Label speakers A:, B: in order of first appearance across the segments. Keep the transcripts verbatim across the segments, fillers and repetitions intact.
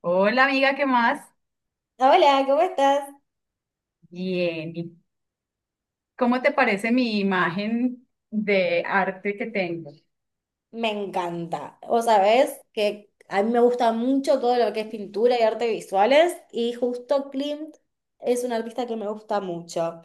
A: Hola amiga, ¿qué más?
B: Hola, ¿cómo estás?
A: Bien. ¿Y ¿cómo te parece mi imagen de arte que tengo?
B: Me encanta. Vos sabés que a mí me gusta mucho todo lo que es pintura y arte visuales y justo Klimt es un artista que me gusta mucho.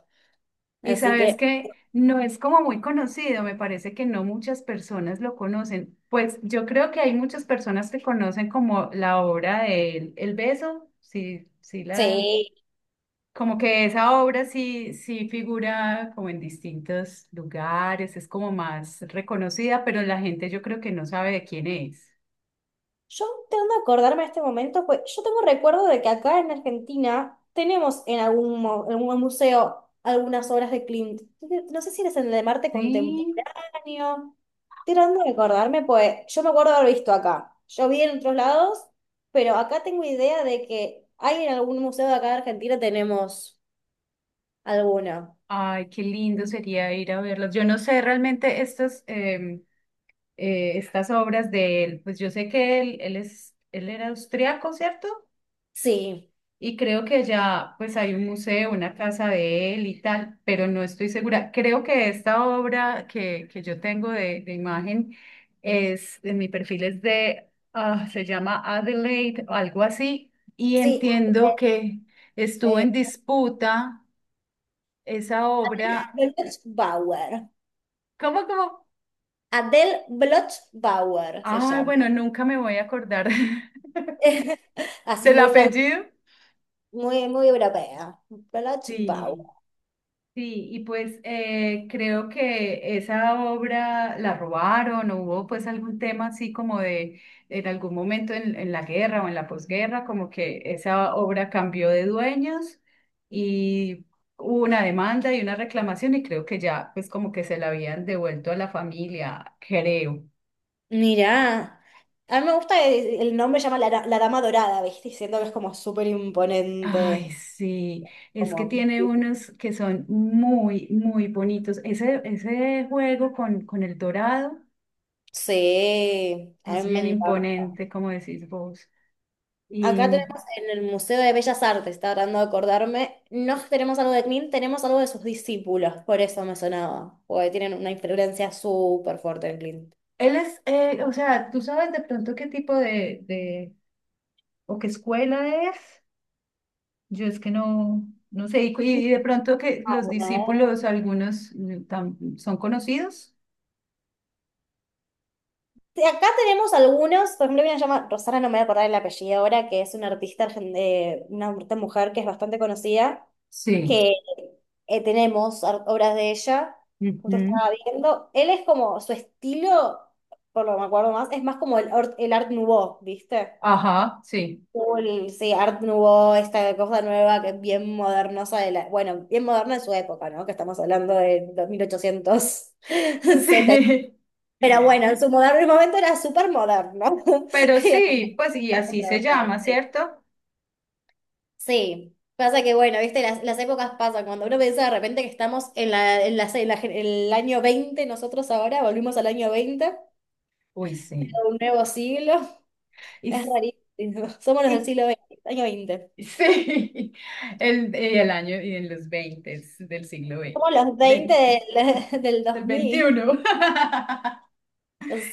A: Y
B: Así
A: sabes
B: que
A: que no es como muy conocido, me parece que no muchas personas lo conocen. Pues yo creo que hay muchas personas que conocen como la obra de El, El Beso, sí, sí la,
B: sí.
A: como que esa obra sí, sí figura como en distintos lugares, es como más reconocida, pero la gente yo creo que no sabe de quién es.
B: Yo tengo que acordarme de este momento, pues yo tengo recuerdo de que acá en Argentina tenemos en algún, mo- en algún museo algunas obras de Klimt. No sé si eres en el de Marte
A: Sí.
B: Contemporáneo. Tirando de acordarme, pues yo me acuerdo de haber visto acá. Yo vi en otros lados, pero acá tengo idea de que hay en algún museo de acá de Argentina tenemos alguna.
A: Ay, qué lindo sería ir a verlos. Yo no sé realmente estas, em, eh, estas obras de él, pues yo sé que él, él es, él era austriaco, ¿cierto?
B: Sí,
A: Y creo que ya pues hay un museo, una casa de él y tal, pero no estoy segura. Creo que esta obra que, que yo tengo de, de imagen es, en mi perfil es de, ah, se llama Adelaide, o algo así, y
B: sí.
A: entiendo que estuvo
B: Eh,
A: en disputa esa obra.
B: Bloch-Bauer.
A: ¿Cómo, cómo?
B: Adele Bloch-Bauer se
A: Ay,
B: llama.
A: bueno, nunca me voy a acordar
B: Así
A: del
B: muy francés,
A: apellido.
B: muy, muy europea. Ballad Bow.
A: Sí, sí, y pues eh, creo que esa obra la robaron o hubo pues algún tema así como de en algún momento en, en la guerra o en la posguerra, como que esa obra cambió de dueños y hubo una demanda y una reclamación y creo que ya pues como que se la habían devuelto a la familia, creo.
B: Mirá, a mí me gusta, el el nombre llama la, la Dama Dorada, ¿viste? Y siento que es como súper
A: Ay,
B: imponente,
A: sí, es que
B: como,
A: tiene unos que son muy, muy bonitos. Ese, ese juego con, con el dorado
B: sí, a
A: es
B: mí me
A: bien
B: encanta.
A: imponente, como decís vos.
B: Acá
A: Y
B: tenemos en el Museo de Bellas Artes, estaba tratando de acordarme, no tenemos algo de Klim, tenemos algo de sus discípulos, por eso me sonaba, porque tienen una influencia súper fuerte en Clint.
A: él es, eh, o sea, ¿tú sabes de pronto qué tipo de, de o qué escuela es? Yo es que no, no sé, y, cu- y de pronto que los discípulos, algunos mm, tam- son conocidos.
B: te- Acá tenemos algunos, por ejemplo, hay a llamar Rosana, no me voy a acordar el apellido ahora, que es una artista, argen- eh, una artista mujer que es bastante conocida,
A: Sí.
B: que eh, tenemos ar- obras de ella, justo
A: Ujú.
B: estaba viendo. Él es como, su estilo, por lo que me acuerdo más, es más como el, or- el Art Nouveau, ¿viste?
A: Ajá, sí.
B: Como el- sí, Art Nouveau, esta cosa nueva que es bien modernosa de la, bueno, bien moderna de su época, ¿no? Que estamos hablando de dos mil ochocientos setenta.
A: Sí.
B: Pero bueno, en su moderno momento era súper moderno.
A: Pero
B: Y era
A: sí, pues y
B: súper
A: así se
B: controversial.
A: llama, ¿cierto?
B: Sí. Pasa que, bueno, viste, las, las épocas pasan. Cuando uno piensa de repente que estamos en la, en la- en la gen- el año veinte, nosotros ahora volvimos al año veinte,
A: Uy, sí.
B: un nuevo siglo.
A: Y,
B: Es
A: s-
B: rarísimo. Somos los del
A: y-
B: siglo veinte, año veinte.
A: sí, el, y el año y en los veinte del siglo
B: Somos
A: veinte
B: los veinte
A: veinte
B: del, del dos
A: del
B: mil.
A: veintiuno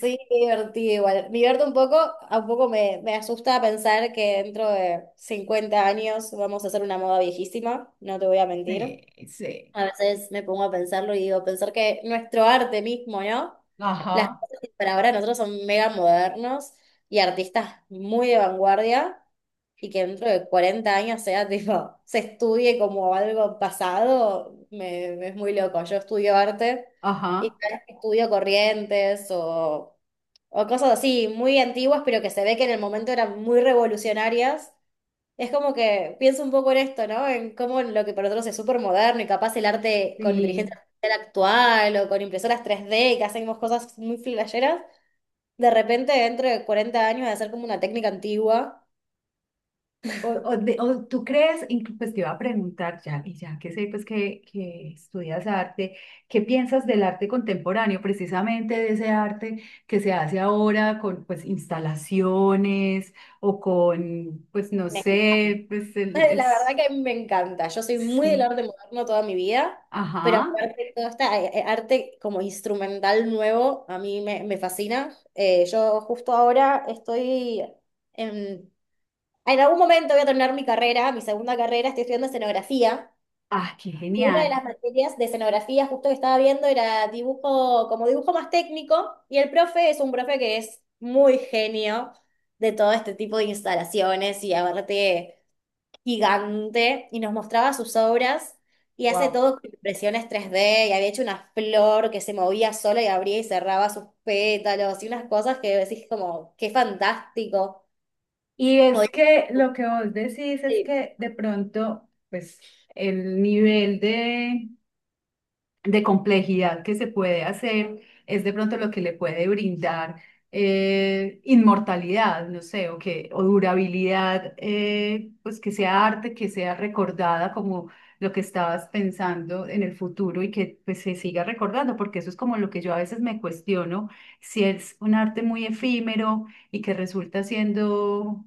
B: Sí, qué divertido igual. Me divierto un poco, a un poco me, me asusta pensar que dentro de cincuenta años vamos a hacer una moda viejísima, no te voy a mentir.
A: Sí, sí.
B: A veces me pongo a pensarlo y digo, pensar que nuestro arte mismo, ¿no? Las
A: Ajá,
B: cosas que para ahora nosotros son mega modernos y artistas muy de vanguardia y que dentro de cuarenta años sea tipo, se estudie como algo pasado, me, me es muy loco. Yo estudio arte y
A: ajá.
B: cada vez que estudio corrientes o, o cosas así muy antiguas, pero que se ve que en el momento eran muy revolucionarias es como que pienso un poco en esto, ¿no? En cómo lo que para nosotros es súper moderno y capaz el arte con inteligencia
A: Sí.
B: artificial actual o con impresoras tres D, que hacemos cosas muy flasheras, de repente dentro de cuarenta años va a ser como una técnica antigua.
A: O, o de- o tú crees, inclu- pues te iba a preguntar ya, y ya que sé pues que, que estudias arte, ¿qué piensas del arte contemporáneo, precisamente de ese arte que se hace ahora con pues instalaciones o con, pues no
B: Me encanta.
A: sé, pues el-
B: La verdad
A: es,
B: que a mí me encanta. Yo soy muy del
A: sí,
B: arte moderno toda mi vida, pero
A: ajá,
B: aparte todo este eh, eh, arte como instrumental nuevo a mí me, me fascina. Eh, yo justo ahora estoy... em, en algún momento voy a terminar mi carrera, mi segunda carrera, estoy estudiando escenografía.
A: ah, qué
B: Y una de
A: genial,
B: las materias de escenografía justo que estaba viendo era dibujo, como dibujo más técnico, y el profe es un profe que es muy genio de todo este tipo de instalaciones y aparte gigante, y nos mostraba sus obras y hace
A: wow.
B: todo con impresiones tres D y había hecho una flor que se movía sola y abría y cerraba sus pétalos y unas cosas que decís como, qué fantástico.
A: Y es que lo que vos decís es que de pronto, pues el nivel de de complejidad que se puede hacer es de pronto lo que le puede brindar eh, inmortalidad, no sé, o que, o durabilidad, eh, pues que sea arte, que sea recordada como lo que estabas pensando en el futuro y que pues, se siga recordando, porque eso es como lo que yo a veces me cuestiono, si es un arte muy efímero y que resulta siendo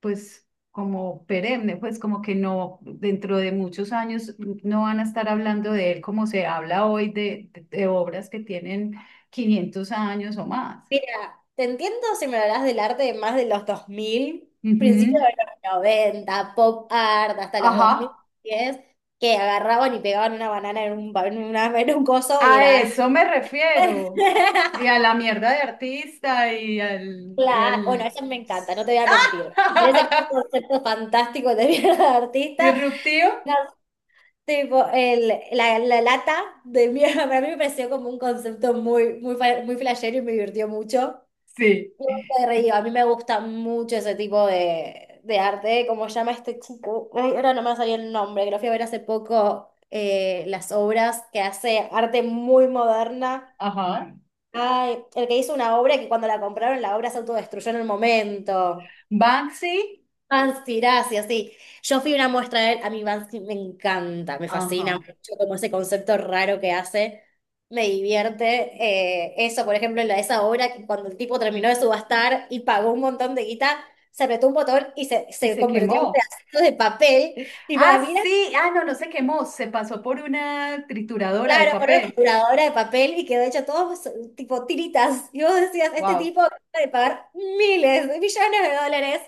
A: pues como perenne, pues como que no, dentro de muchos años no van a estar hablando de él como se habla hoy de, de- de obras que tienen quinientos años o más.
B: Mira, te entiendo si me hablas del arte de más de los dos mil, principios
A: Ujú.
B: de los noventa, pop art, hasta los
A: Ajá,
B: dos mil diez, que agarraban y pegaban una banana en un, en una- en un coso y
A: a
B: era arte.
A: eso me refiero. Y a la mierda de artista y al... Y
B: Claro, bueno,
A: al...
B: eso me encanta, no te voy a mentir. Me parece que es un concepto fantástico de mierda de artista.
A: ¿Disruptivo?
B: No, tipo, el, la, la lata de mierda, para mí me pareció como un concepto muy, muy, fa- muy flashero y me divirtió mucho.
A: Sí.
B: Yo me reí. A mí me gusta mucho ese tipo de, de arte, como llama este chico. Ay, ahora no me salió el nombre, que lo fui a ver hace poco, eh, las obras que hace arte muy moderna.
A: Ajá.
B: Ay, el que hizo una obra que cuando la compraron, la obra se autodestruyó en el momento.
A: Banksy.
B: Vansiracia, sí. Yo fui una muestra de él, a mí Bansky me encanta, me fascina
A: Ajá.
B: mucho como ese concepto raro que hace, me divierte. Eh, eso, por ejemplo, en la- esa obra que cuando el tipo terminó de subastar y pagó un montón de guita, se apretó un botón y se,
A: Y
B: se
A: se
B: convirtió en
A: quemó.
B: pedazos de papel. Y
A: Ah,
B: para mí era.
A: sí, ah, no, no se quemó, se pasó por una trituradora de
B: Claro, con una
A: papel.
B: trituradora de papel y quedó hecho todo so- tipo tiritas. Y vos decías, este
A: Wow,
B: tipo acaba de pagar miles de millones de dólares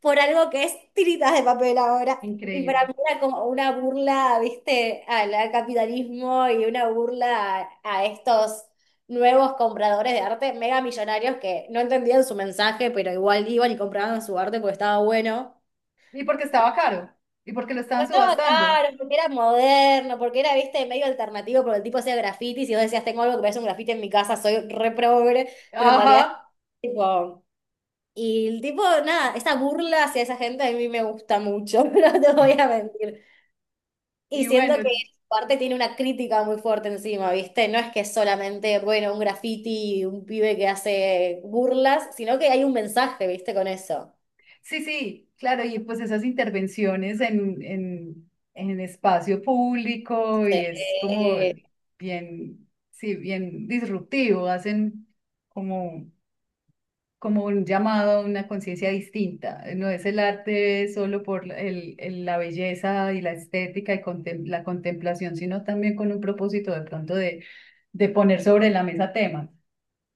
B: por algo que es tiritas de papel ahora. Y para
A: increíble.
B: mí era como una burla, viste, al al capitalismo y una burla a, a estos nuevos compradores de arte, mega millonarios que no entendían su mensaje, pero igual iban y compraban su arte porque estaba bueno.
A: Y porque estaba caro, y porque lo
B: Pues
A: estaban
B: estaba
A: subastando.
B: raro, porque era moderno, porque era, viste, medio alternativo, porque el tipo hacía grafitis y vos decías, tengo algo que parece un grafiti en mi casa, soy re progre, pero en realidad,
A: Ajá.
B: tipo. Y el tipo, nada, esa burla hacia esa gente a mí me gusta mucho, no te voy a mentir. Y
A: Y
B: siento
A: bueno,
B: que parte tiene una crítica muy fuerte encima, ¿viste? No es que es solamente, bueno, un graffiti, un pibe que hace burlas, sino que hay un mensaje, ¿viste? Con eso.
A: sí, sí, claro, y pues esas intervenciones en, en, en espacio público y es como
B: Sí.
A: bien, sí, bien disruptivo, hacen como como un llamado a una conciencia distinta. Eh, No es el arte solo por el, el- la belleza y la estética y contem- la contemplación, sino también con un propósito de pronto de, de poner sobre la mesa temas.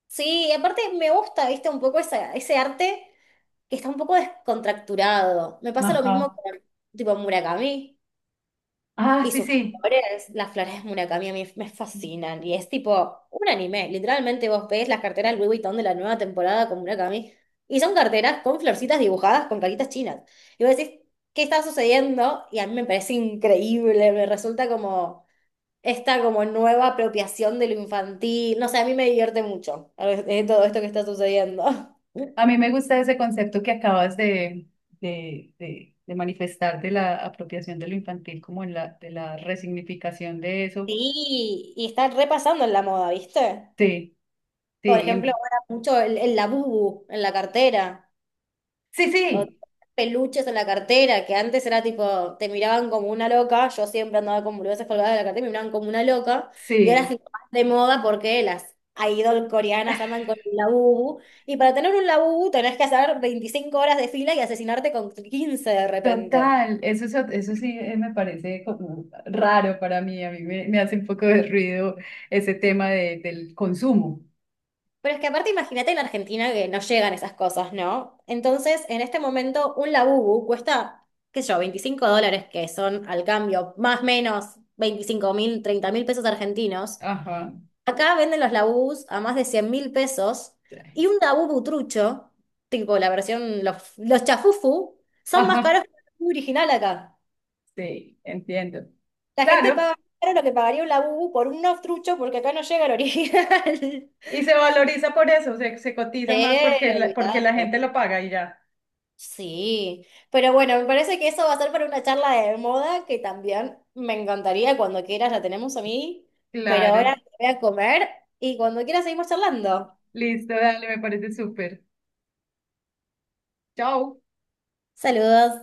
B: Sí, y aparte me gusta, viste, un poco esa- ese arte que está un poco descontracturado. Me pasa lo mismo
A: Ajá.
B: con tipo Murakami
A: Ah,
B: y
A: sí,
B: sus
A: sí.
B: flores. Las flores de Murakami a mí me fascinan y es tipo un anime. Literalmente vos ves las carteras Louis Vuitton de la nueva temporada con Murakami y son carteras con florcitas dibujadas con caritas chinas. Y vos decís, ¿qué está sucediendo? Y a mí me parece increíble, me resulta como esta como nueva apropiación de lo infantil. No sé, a mí me divierte mucho eh, todo esto que está sucediendo.
A: A mí me gusta ese concepto que acabas de, de, de, de manifestar de la apropiación de lo infantil, como en la, de la resignificación de eso.
B: Sí, y está repasando en la moda, ¿viste?
A: Sí,
B: Por ejemplo,
A: sí,
B: ahora mucho el, el labubu en la cartera.
A: sí,
B: O
A: sí,
B: peluches en la cartera, que antes era tipo, te miraban como una loca, yo siempre andaba con boludeces colgadas de la cartera, me miraban como una loca, y ahora es
A: sí.
B: tipo más de moda porque las idol coreanas andan con un labubu, y para tener un labubu tenés que hacer veinticinco horas de fila y asesinarte con quince de repente.
A: Total, eso, es ot- eso sí eh, me parece como raro para mí, a mí me, me hace un poco de ruido ese tema de, del consumo.
B: Pero es que aparte imagínate en Argentina que no llegan esas cosas, ¿no? Entonces, en este momento, un labubu cuesta, qué sé yo, veinticinco dólares, que son al cambio más o menos veinticinco mil, treinta mil pesos argentinos.
A: Ajá,
B: Acá venden los labús a más de cien mil pesos y un labú butrucho, tipo la versión, los, los chafufu, son más
A: ajá,
B: caros que el labú original acá.
A: sí, entiendo.
B: La gente paga
A: Claro,
B: más caro lo que pagaría un labú por un nofstrucho porque acá no llega el original.
A: y se valoriza por eso, se, se cotiza
B: Sí,
A: más porque la, porque la
B: olvidate.
A: gente lo paga y ya.
B: Sí, pero bueno, me parece que eso va a ser para una charla de moda que también me encantaría cuando quieras, la tenemos a mí, pero
A: Claro,
B: ahora voy a comer y cuando quieras seguimos charlando.
A: listo, dale, me parece súper. Chao.
B: Saludos.